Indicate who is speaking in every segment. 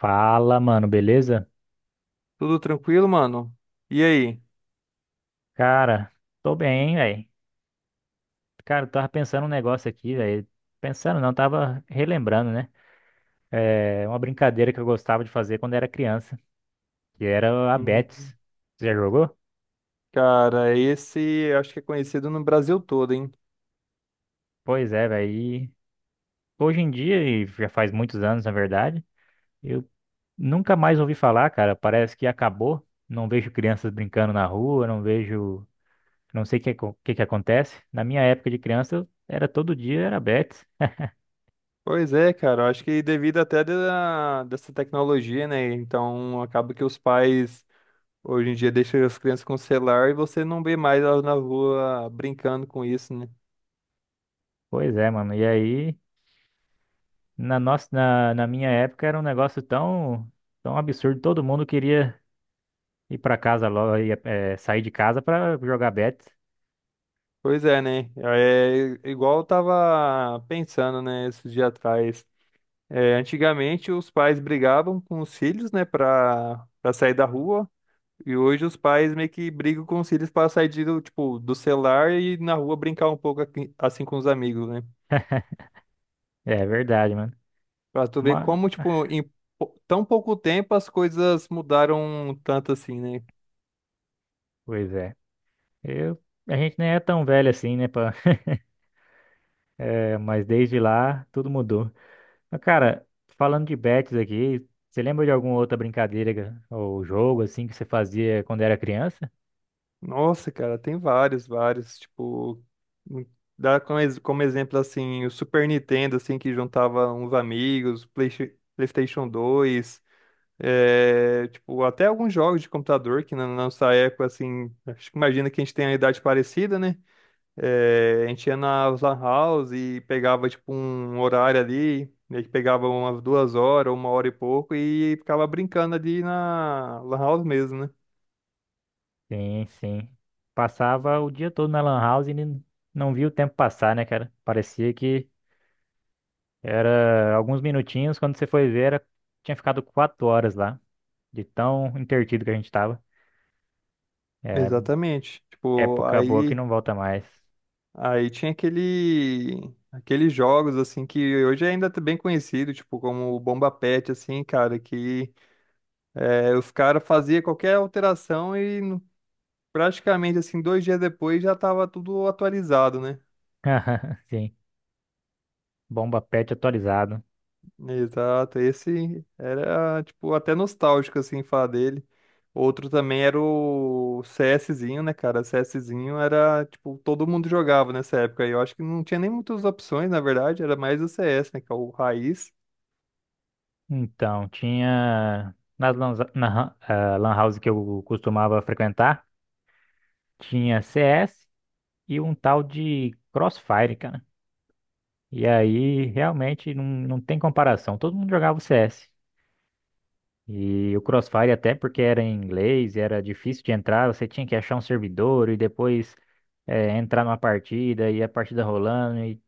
Speaker 1: Fala, mano, beleza?
Speaker 2: Tudo tranquilo, mano? E aí?
Speaker 1: Cara, tô bem, velho. Cara, eu tava pensando um negócio aqui, velho. Pensando não, tava relembrando, né? É uma brincadeira que eu gostava de fazer quando era criança, que era a
Speaker 2: Hum,
Speaker 1: Betis. Você já jogou?
Speaker 2: cara, esse acho que é conhecido no Brasil todo, hein?
Speaker 1: Pois é, velho. E hoje em dia, já faz muitos anos, na verdade, eu nunca mais ouvi falar, cara. Parece que acabou. Não vejo crianças brincando na rua, não vejo. Não sei o que que acontece. Na minha época de criança, eu era todo dia, era Betis.
Speaker 2: Pois é, cara, eu acho que devido dessa tecnologia, né? Então acaba que os pais hoje em dia deixam as crianças com o celular e você não vê mais elas na rua brincando com isso, né?
Speaker 1: Pois é, mano. E aí, na minha época era um negócio tão, tão absurdo. Todo mundo queria ir pra casa logo, sair de casa pra jogar bet.
Speaker 2: Pois é, né? É igual eu tava pensando, né, esses dias atrás. É, antigamente os pais brigavam com os filhos, né, pra sair da rua. E hoje os pais meio que brigam com os filhos para sair tipo, do celular e na rua brincar um pouco assim com os amigos, né?
Speaker 1: É verdade, mano.
Speaker 2: Pra tu ver
Speaker 1: Mas,
Speaker 2: como, tipo, em tão pouco tempo as coisas mudaram tanto assim, né?
Speaker 1: pois é. Eu, a gente nem é tão velho assim, né, pá? Eh, mas desde lá tudo mudou. Mas, cara, falando de bets aqui, você lembra de alguma outra brincadeira ou jogo assim que você fazia quando era criança?
Speaker 2: Nossa, cara, tem vários, tipo, hum, dá como exemplo, assim, o Super Nintendo, assim, que juntava uns amigos, PlayStation 2, é, tipo, até alguns jogos de computador que na nossa época, assim, acho que imagina que a gente tem a idade parecida, né? É, a gente ia nas lan house e pegava tipo um horário ali, meio que pegava umas duas horas, uma hora e pouco e ficava brincando ali na lan house mesmo, né?
Speaker 1: Sim, sim. Passava o dia todo na Lan House e não via o tempo passar, né, cara? Parecia que era alguns minutinhos, quando você foi ver, tinha ficado 4 horas lá, de tão entretido que a gente tava. É,
Speaker 2: Exatamente. Tipo,
Speaker 1: época boa que
Speaker 2: aí,
Speaker 1: não volta mais.
Speaker 2: aí tinha aqueles jogos assim que hoje ainda tá bem conhecido, tipo como o Bomba Patch assim, cara, que é, os caras faziam qualquer alteração praticamente assim dois dias depois já tava tudo atualizado, né?
Speaker 1: Sim, bomba pet atualizado.
Speaker 2: Exato, esse era, tipo, até nostálgico, assim, falar dele. Outro também era o CSzinho, né, cara? CSzinho era, tipo, todo mundo jogava nessa época. E eu acho que não tinha nem muitas opções, na verdade, era mais o CS, né, que é o raiz.
Speaker 1: Então, tinha nas lan, na, ah, lan house que eu costumava frequentar, tinha CS e um tal de Crossfire, cara. E aí, realmente, não tem comparação. Todo mundo jogava o CS. E o Crossfire, até porque era em inglês, era difícil de entrar, você tinha que achar um servidor e depois entrar numa partida e a partida rolando.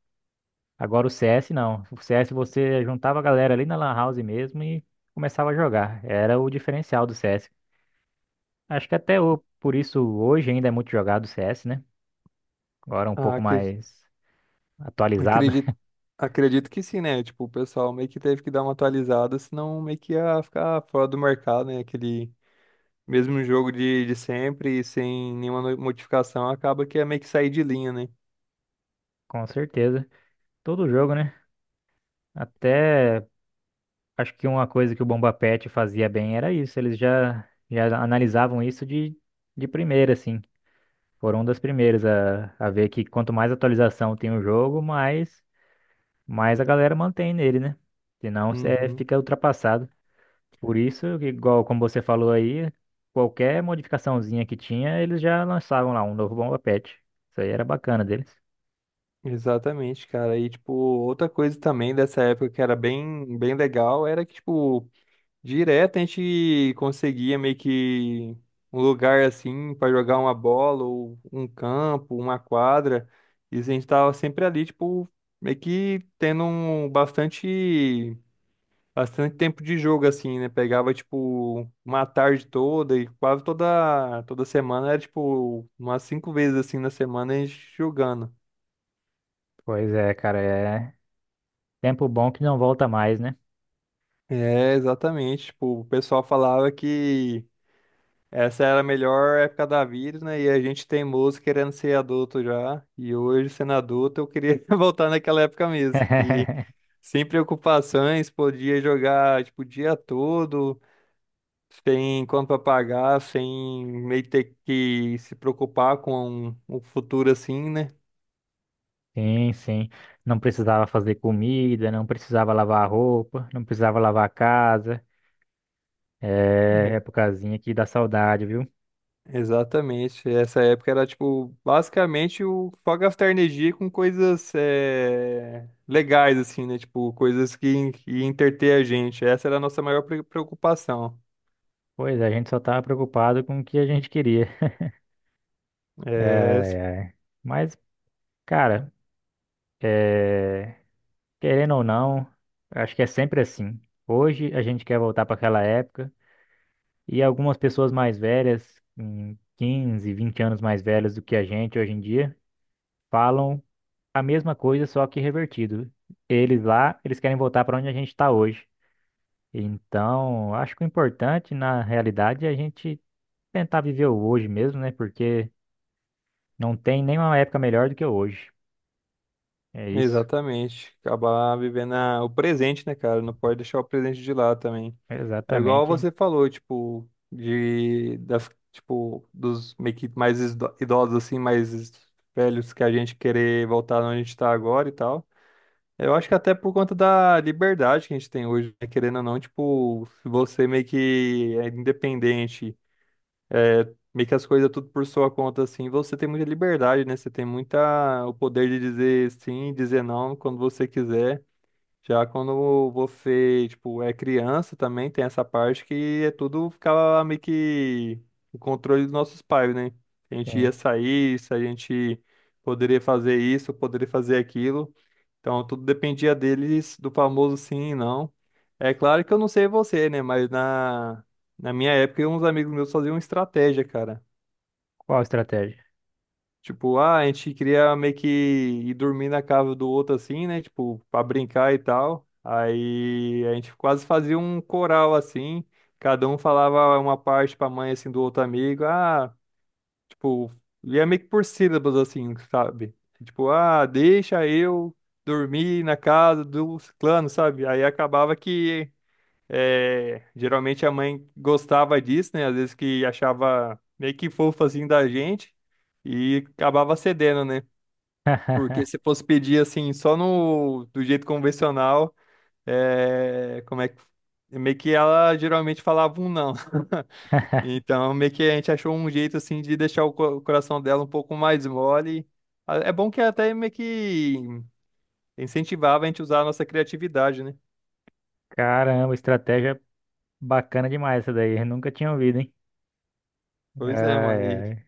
Speaker 1: Agora o CS não. O CS você juntava a galera ali na Lan House mesmo e começava a jogar. Era o diferencial do CS. Acho que até o... por isso hoje ainda é muito jogado o CS, né? Agora é um
Speaker 2: Ah,
Speaker 1: pouco
Speaker 2: acre-
Speaker 1: mais atualizado.
Speaker 2: acredito, acredito que sim, né? Tipo, o pessoal meio que teve que dar uma atualizada, senão meio que ia ficar fora do mercado, né? Aquele mesmo jogo de sempre, sem nenhuma modificação, acaba que ia meio que sair de linha, né?
Speaker 1: Com certeza. Todo jogo, né? Até. Acho que uma coisa que o Bomba Pet fazia bem era isso. Eles já analisavam isso de primeira, assim. Foram um das primeiras a ver que quanto mais atualização tem o jogo, mais, mais a galera mantém nele, né? Senão você
Speaker 2: Uhum.
Speaker 1: fica ultrapassado. Por isso, que, igual como você falou aí, qualquer modificaçãozinha que tinha, eles já lançavam lá um novo Bomba Pet. Isso aí era bacana deles.
Speaker 2: Exatamente, cara. E, tipo, outra coisa também dessa época que era bem legal era que, tipo, direto a gente conseguia meio que um lugar assim para jogar uma bola ou um campo, uma quadra. E a gente tava sempre ali, tipo, meio que tendo um bastante tempo de jogo, assim, né? Pegava, tipo, uma tarde toda e quase toda semana era, tipo, umas cinco vezes assim na semana a gente jogando.
Speaker 1: Pois é, cara, é tempo bom que não volta mais, né?
Speaker 2: É, exatamente. Tipo, o pessoal falava que essa era a melhor época da vida, né? E a gente teimoso querendo ser adulto já. E hoje, sendo adulto, eu queria voltar naquela época mesmo, que sem preocupações, podia jogar, tipo, o dia todo, sem conta pra pagar, sem meio ter que se preocupar com o futuro assim, né?
Speaker 1: Sim, sim. Não precisava fazer comida, não precisava lavar roupa, não precisava lavar a casa. É épocazinha que dá saudade, viu?
Speaker 2: Exatamente. Essa época era, tipo, basicamente o só gastar energia com coisas legais, assim, né? Tipo, coisas que entreter a gente. Essa era a nossa maior preocupação.
Speaker 1: Pois é, a gente só tava preocupado com o que a gente queria.
Speaker 2: É,
Speaker 1: Ai, ai. Mas, cara, é, querendo ou não, acho que é sempre assim. Hoje a gente quer voltar para aquela época e algumas pessoas mais velhas, 15, 20 anos mais velhas do que a gente hoje em dia, falam a mesma coisa, só que revertido. Eles lá, eles querem voltar para onde a gente está hoje. Então, acho que o importante na realidade é a gente tentar viver o hoje mesmo, né? Porque não tem nenhuma época melhor do que hoje. É isso.
Speaker 2: exatamente. Acabar vivendo o presente, né, cara? Não pode deixar o presente de lado também. É igual
Speaker 1: Exatamente.
Speaker 2: você falou, tipo, tipo, dos meio que mais idosos, assim, mais velhos que a gente querer voltar onde a gente tá agora e tal. Eu acho que até por conta da liberdade que a gente tem hoje, né? Querendo ou não, tipo, se você meio que é independente, meio que as coisas tudo por sua conta, assim, você tem muita liberdade, né? Você tem muita o poder de dizer sim, dizer não quando você quiser. Já quando você, tipo, é criança também tem essa parte que é tudo ficava meio que o controle dos nossos pais, né? A gente ia
Speaker 1: Sim.
Speaker 2: sair, se a gente poderia fazer isso, poderia fazer aquilo. Então, tudo dependia deles, do famoso sim e não. É claro que eu não sei você, né? Mas na minha época, uns amigos meus faziam estratégia, cara.
Speaker 1: Qual a estratégia?
Speaker 2: Tipo, ah, a gente queria meio que ir dormir na casa do outro assim, né? Tipo, pra brincar e tal. Aí a gente quase fazia um coral assim. Cada um falava uma parte pra mãe assim do outro amigo. Ah. Tipo, e é meio que por sílabas, assim, sabe? Tipo, ah, deixa eu dormir na casa do ciclano, sabe? Aí acabava que, é, geralmente a mãe gostava disso, né? Às vezes que achava meio que fofo, assim, da gente e acabava cedendo, né? Porque se fosse pedir, assim, só no, do jeito convencional, é, como é que... Meio que ela geralmente falava um não. Então, meio que a gente achou um jeito assim de deixar o coração dela um pouco mais mole. É bom que até meio que incentivava a gente a usar a nossa criatividade, né?
Speaker 1: Caramba, estratégia bacana demais essa daí. Eu nunca tinha ouvido, hein?
Speaker 2: Pois é,
Speaker 1: Ai,
Speaker 2: mano.
Speaker 1: ai.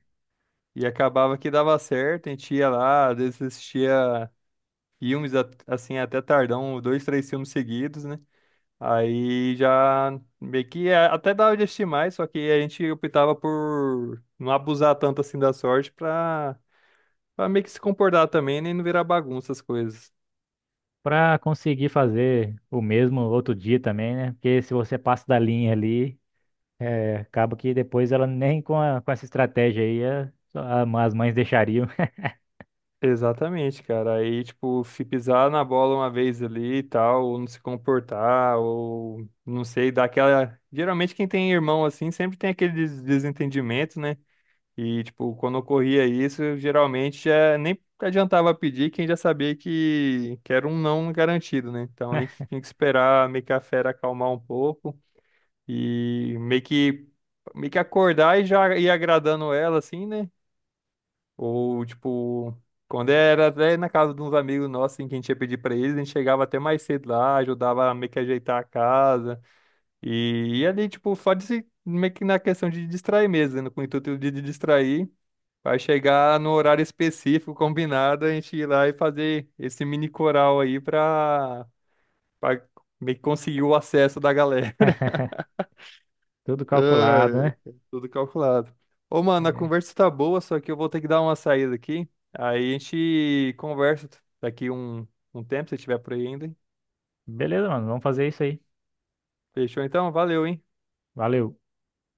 Speaker 2: E acabava que dava certo, a gente ia lá, às vezes assistia filmes assim até tardão, dois, três filmes seguidos, né? Aí já meio que até dava de assistir mais, só que a gente optava por não abusar tanto assim da sorte pra meio que se comportar também, nem não virar bagunça as coisas.
Speaker 1: Pra conseguir fazer o mesmo outro dia também, né? Porque se você passa da linha ali. É, acaba que depois ela nem com essa estratégia aí só as mães deixariam.
Speaker 2: Exatamente, cara. Aí, tipo, se pisar na bola uma vez ali e tal, ou não se comportar, ou não sei, dá aquela. Geralmente, quem tem irmão assim sempre tem aquele desentendimento, né? E, tipo, quando ocorria isso, geralmente já nem adiantava pedir, quem já sabia que era um não garantido, né? Então a gente tinha que esperar meio que a fera acalmar um pouco e meio que acordar e já ir agradando ela, assim, né? Ou, tipo, quando era até na casa de uns amigos nossos, assim, que a gente ia pedir pra eles, a gente chegava até mais cedo lá, ajudava a meio que ajeitar a casa. E ali, tipo, só de se, meio que na questão de distrair mesmo, né? Com o intuito de distrair, vai chegar no horário específico, combinado, a gente ir lá e fazer esse mini coral aí pra meio que conseguir o acesso da galera.
Speaker 1: Tudo calculado,
Speaker 2: Ai,
Speaker 1: né?
Speaker 2: cara, tudo calculado. Ô, mano, a
Speaker 1: É.
Speaker 2: conversa tá boa, só que eu vou ter que dar uma saída aqui. Aí a gente conversa daqui um tempo, se tiver por aí ainda.
Speaker 1: Beleza, mano, vamos fazer isso aí.
Speaker 2: Fechou então? Valeu, hein?
Speaker 1: Valeu.